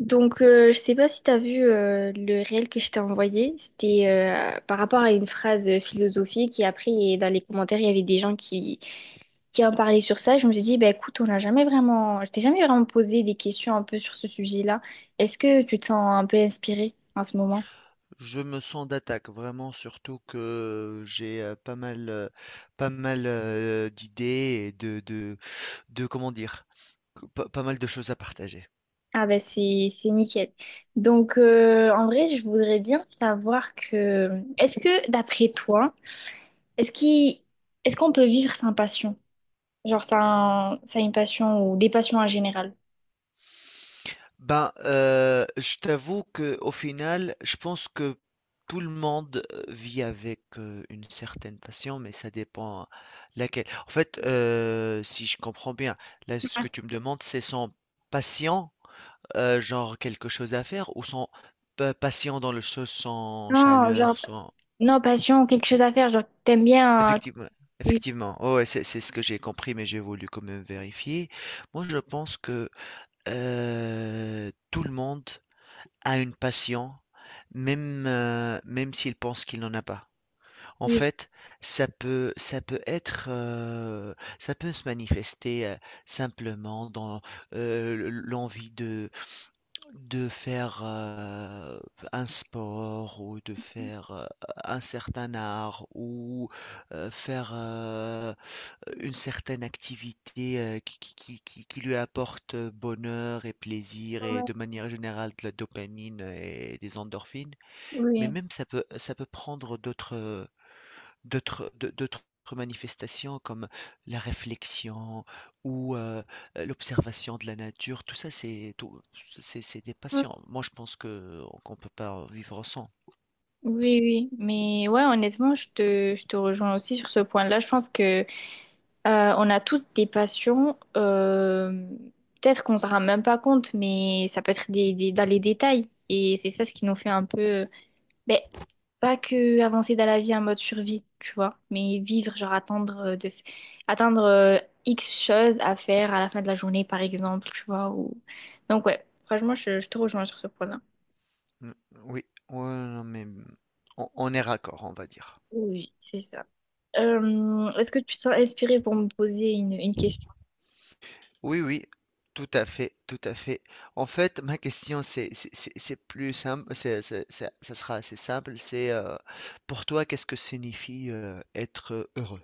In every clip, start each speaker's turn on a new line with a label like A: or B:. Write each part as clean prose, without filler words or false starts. A: Donc, je sais pas si tu as vu le réel que je t'ai envoyé. C'était par rapport à une phrase philosophique. Et dans les commentaires, il y avait des gens qui en parlaient sur ça. Je me suis dit, bah, écoute, on n'a jamais vraiment... Je t'ai jamais vraiment posé des questions un peu sur ce sujet-là. Est-ce que tu te sens un peu inspirée en ce moment?
B: Je me sens d'attaque vraiment, surtout que j'ai pas mal, d'idées et comment dire, pas mal de choses à partager.
A: Ah ben c'est nickel. Donc en vrai, je voudrais bien savoir que est-ce que d'après toi, est-ce qu'il est-ce qu'on peut vivre sans passion? Genre, ça a une passion ou des passions en général.
B: Je t'avoue que au final, je pense que tout le monde vit avec une certaine passion, mais ça dépend laquelle. En fait, si je comprends bien, là, ce que tu me demandes, c'est son patient. Genre quelque chose à faire ou sans pa patient dans le sans
A: Non,
B: chaleur,
A: genre,
B: sans
A: Non, passion ou quelque chose à faire. Genre, t'aimes bien.
B: effectivement.
A: Oui,
B: Oh ouais, c'est ce que j'ai compris, mais j'ai voulu quand même vérifier. Moi, je pense que, tout le monde a une passion, même s'il pense qu'il n'en a pas. En
A: oui,
B: fait, ça peut être, ça peut se manifester, simplement dans, le l'envie de faire, un sport ou de faire, un certain art ou, faire, une certaine activité, qui lui apporte bonheur et plaisir et
A: ouais,
B: de manière générale de la dopamine et des endorphines. Mais
A: oui.
B: même ça peut prendre d'autres, d'autres manifestations comme la réflexion ou, l'observation de la nature, tout ça c'est des
A: Ouais.
B: passions. Moi, je pense que qu'on peut pas vivre sans.
A: Oui, oui, mais ouais, honnêtement, je te rejoins aussi sur ce point-là. Je pense que on a tous des passions. Peut-être qu'on ne se rend même pas compte, mais ça peut être dans les détails. Et c'est ça ce qui nous fait un peu Ben, pas que avancer dans la vie en mode survie, tu vois, mais vivre, genre attendre atteindre X choses à faire à la fin de la journée, par exemple, tu vois. Ou... Donc ouais, franchement, je te rejoins sur ce point-là.
B: Mmh, oui, ouais, non, mais, mmh, on est raccord, on va dire.
A: Oui, c'est ça. Est-ce que tu te sens inspirée pour me poser une question?
B: Oui, oui, tout à fait, tout à fait. En fait, ma question c'est plus simple, c'est ça sera assez simple, c'est, pour toi, qu'est-ce que signifie, être heureux?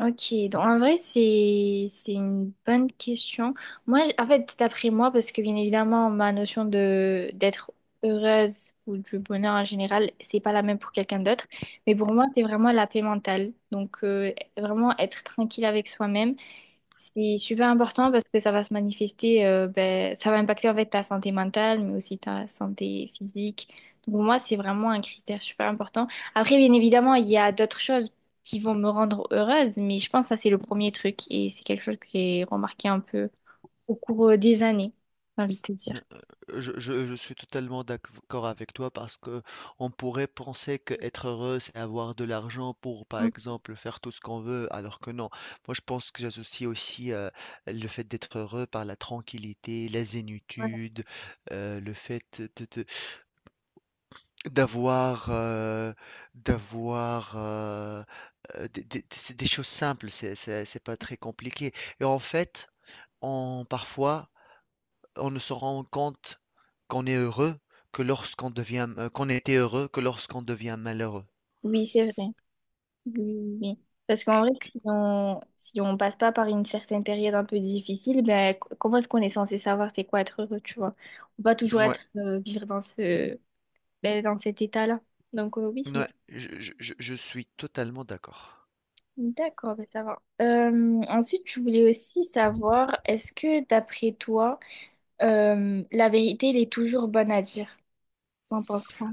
A: Ok, donc en vrai, c'est une bonne question. Moi, en fait, d'après moi, parce que bien évidemment, ma notion de d'être heureuse ou du bonheur en général, c'est pas la même pour quelqu'un d'autre. Mais pour moi, c'est vraiment la paix mentale. Donc, vraiment être tranquille avec soi-même c'est super important parce que ça va se manifester, ben, ça va impacter en fait ta santé mentale, mais aussi ta santé physique. Donc pour moi, c'est vraiment un critère super important. Après, bien évidemment, il y a d'autres choses qui vont me rendre heureuse, mais je pense que ça, c'est le premier truc et c'est quelque chose que j'ai remarqué un peu au cours des années, j'ai envie de te dire.
B: Je suis totalement d'accord avec toi parce que on pourrait penser que être heureux, c'est avoir de l'argent pour, par
A: Mm.
B: exemple, faire tout ce qu'on veut, alors que non. Moi, je pense que j'associe aussi le fait d'être heureux par la tranquillité, la
A: Ouais.
B: zénitude, le fait d'avoir d'avoir euh, c'est des choses simples. C'est pas très compliqué. Et en fait, on parfois on ne se rend compte qu'on est heureux que qu'on était heureux que lorsqu'on devient malheureux.
A: Oui, c'est vrai. Oui, oui, oui. Parce qu'en vrai, si on passe pas par une certaine période un peu difficile, ben, comment est-ce qu'on est censé savoir c'est quoi être heureux, tu vois? On va toujours
B: Ouais,
A: être vivre dans ce ben, dans cet état-là. Donc oui, c'est vrai.
B: ouais, je suis totalement d'accord.
A: D'accord, ben, ça va. Ensuite, je voulais aussi savoir, est-ce que d'après toi, la vérité, elle est toujours bonne à dire? T'en penses quoi?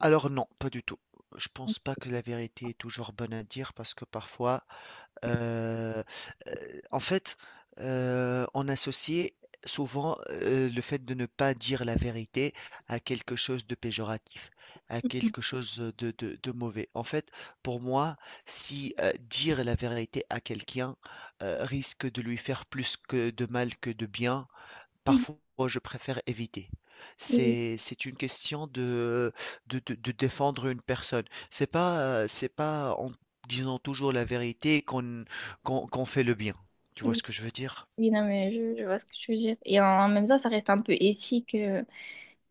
B: Alors non, pas du tout. Je pense pas que la vérité est toujours bonne à dire parce que parfois, Heu en fait, on associait souvent, le fait de ne pas dire la vérité à quelque chose de péjoratif, à quelque chose, de mauvais. En fait, pour moi, si, dire la vérité à quelqu'un, risque de lui faire plus que de mal que de bien,
A: Mhm.
B: parfois, je préfère éviter.
A: Oui,
B: C'est une question de défendre une personne. C'est pas en disant toujours la vérité qu'on fait le bien. Tu vois
A: oui,
B: ce que je veux dire?
A: oui, non, mais je vois ce que tu veux dire. Et en même temps, ça reste un peu éthique.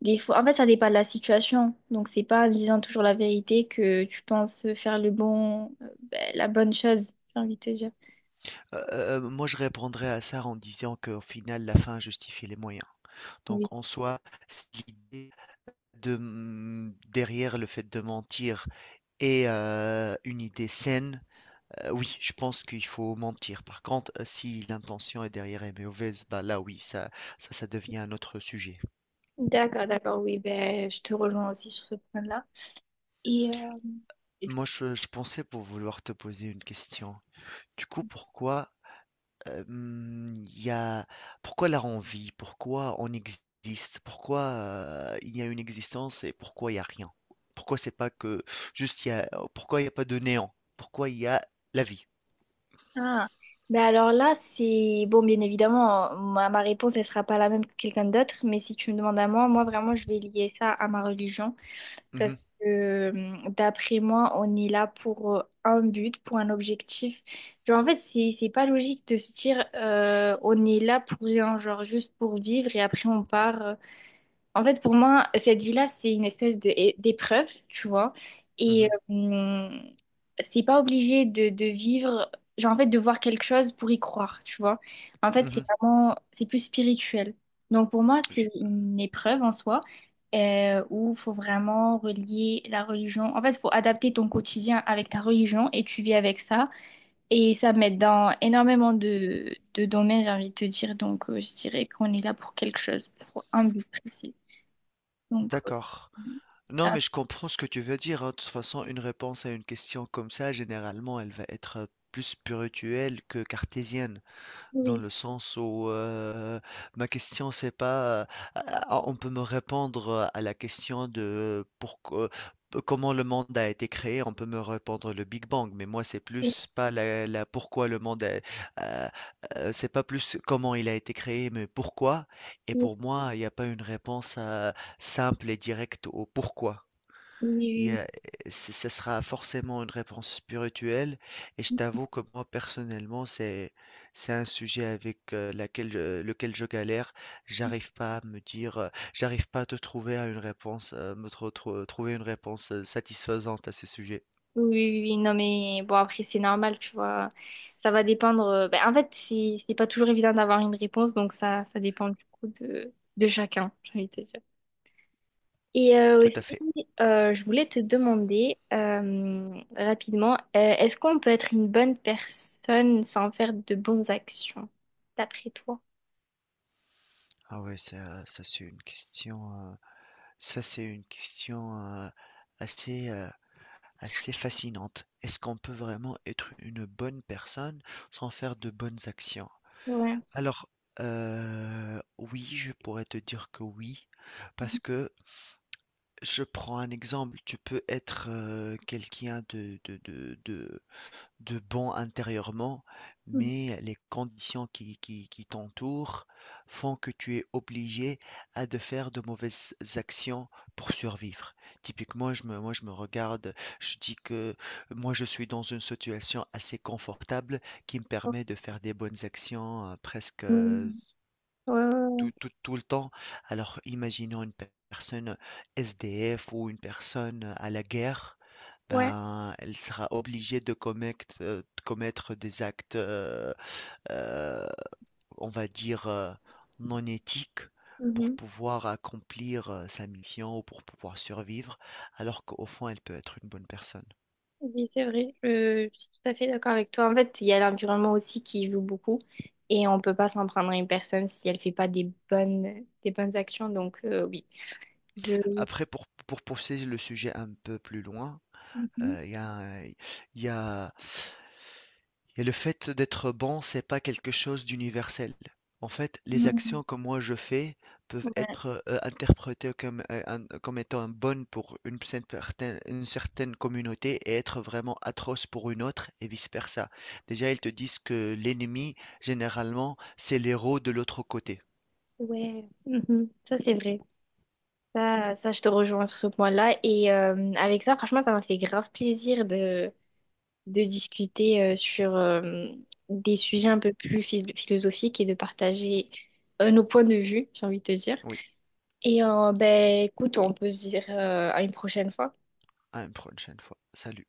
A: Des fois, en fait, ça dépend de la situation. Donc, c'est pas en disant toujours la vérité que tu penses faire le bon, ben, la bonne chose, j'ai envie de te dire.
B: Moi, je répondrais à ça en disant qu'au final, la fin justifie les moyens.
A: Oui.
B: Donc en soi, c'est l'idée de, mmh, derrière le fait de mentir et une idée saine. Oui, je pense qu'il faut mentir. Par contre, si l'intention est derrière est mauvaise, bah là oui, ça devient un autre sujet.
A: D'accord, d'accord, oui, ben, je te rejoins aussi sur ce point-là. Et
B: Moi je pensais pour vouloir te poser une question. Du coup, pourquoi, il y a pourquoi la envie? Pourquoi on existe? Pourquoi, il y a une existence et pourquoi il y a rien? Pourquoi c'est pas que juste il y a oh, pourquoi il y a pas de néant? Pourquoi il y a la vie?
A: ah, ben alors là, c'est bon, bien évidemment, ma réponse, elle sera pas la même que quelqu'un d'autre, mais si tu me demandes à moi, moi vraiment, je vais lier ça à ma religion.
B: Mmh
A: Parce
B: mh.
A: que d'après moi, on est là pour un but, pour un objectif. Genre, en fait, c'est pas logique de se dire on est là pour rien, genre juste pour vivre et après on part. En fait, pour moi, cette vie-là, c'est une espèce d'épreuve, tu vois. Et
B: Mmh.
A: c'est pas obligé de vivre, genre en fait, de voir quelque chose pour y croire, tu vois. En fait, c'est
B: Mmh.
A: vraiment, c'est plus spirituel. Donc pour moi, c'est
B: Je
A: une épreuve en soi où il faut vraiment relier la religion. En fait, il faut adapter ton quotidien avec ta religion et tu vis avec ça. Et ça m'aide dans énormément de domaines, j'ai envie de te dire. Donc je dirais qu'on est là pour quelque chose, pour un but précis. Donc,
B: D'accord. Non,
A: ah,
B: mais je comprends ce que tu veux dire, hein. De toute façon, une réponse à une question comme ça, généralement, elle va être plus spirituelle que cartésienne, dans
A: oui.
B: le sens où ma question, c'est pas, on peut me répondre à la question de pourquoi, comment le monde a été créé, on peut me répondre le Big Bang, mais moi, c'est
A: Oui,
B: plus pas la pourquoi le monde, euh, c'est pas plus comment il a été créé, mais pourquoi. Et
A: oui,
B: pour moi, il n'y a pas une réponse simple et directe au pourquoi. Il y
A: oui,
B: a- c- Ce sera forcément une réponse spirituelle et je
A: oui,
B: t'avoue que moi personnellement c'est un sujet avec lequel je galère. J'arrive pas à me dire, j'arrive pas à te trouver à une réponse, trouver une réponse satisfaisante à ce sujet.
A: oui, oui, non, mais bon, après, c'est normal, tu vois. Ça va dépendre. Ben, en fait, c'est pas toujours évident d'avoir une réponse, donc ça dépend du coup de chacun, j'ai envie de te dire. Et
B: Tout à
A: aussi,
B: fait.
A: je voulais te demander rapidement, est-ce qu'on peut être une bonne personne sans faire de bonnes actions, d'après toi?
B: Ah ouais, ça, c'est une question, ça c'est une question euh, assez euh, assez fascinante. Est-ce qu'on peut vraiment être une bonne personne sans faire de bonnes actions?
A: Ouais.
B: Alors, oui, je pourrais te dire que oui, parce que je prends un exemple, tu peux être, quelqu'un de bon intérieurement,
A: Mhm.
B: mais les conditions qui t'entourent font que tu es obligé à de faire de mauvaises actions pour survivre. Typiquement, je me moi, je me regarde, je dis que moi, je suis dans une situation assez confortable qui me permet de faire des bonnes actions, presque, heu,
A: Mhm. Ouais, ouais,
B: tout le temps. Alors, imaginons une personne SDF ou une personne à la guerre,
A: ouais.
B: ben, elle sera obligée de commettre des actes, euh, on va dire, non éthiques pour
A: Ouais.
B: pouvoir accomplir sa mission ou pour pouvoir survivre, alors qu'au fond, elle peut être une bonne personne.
A: Oui, c'est vrai, je suis tout à fait d'accord avec toi. En fait, il y a l'environnement aussi qui joue beaucoup et on peut pas s'en prendre à une personne si elle fait pas des bonnes actions. Donc, oui, je...
B: Après, pour pousser le sujet un peu plus loin,
A: Mhm.
B: il y a et le fait d'être bon, c'est pas quelque chose d'universel. En fait, les
A: Mhm.
B: actions que moi je fais peuvent
A: Ouais,
B: être interprétées comme, comme étant bonnes pour une une certaine communauté et être vraiment atroces pour une autre et vice-versa. Déjà, ils te disent que l'ennemi, généralement, c'est l'héros de l'autre côté.
A: ouais. Mhm. Ça, c'est vrai. Ça, je te rejoins sur ce point-là. Et avec ça, franchement, ça m'a fait grave plaisir de discuter sur des sujets un peu plus philosophiques et de partager nos points de vue, j'ai envie de te dire.
B: Oui,
A: Et ben, écoute, on peut se dire à une prochaine fois.
B: à une prochaine fois. Salut.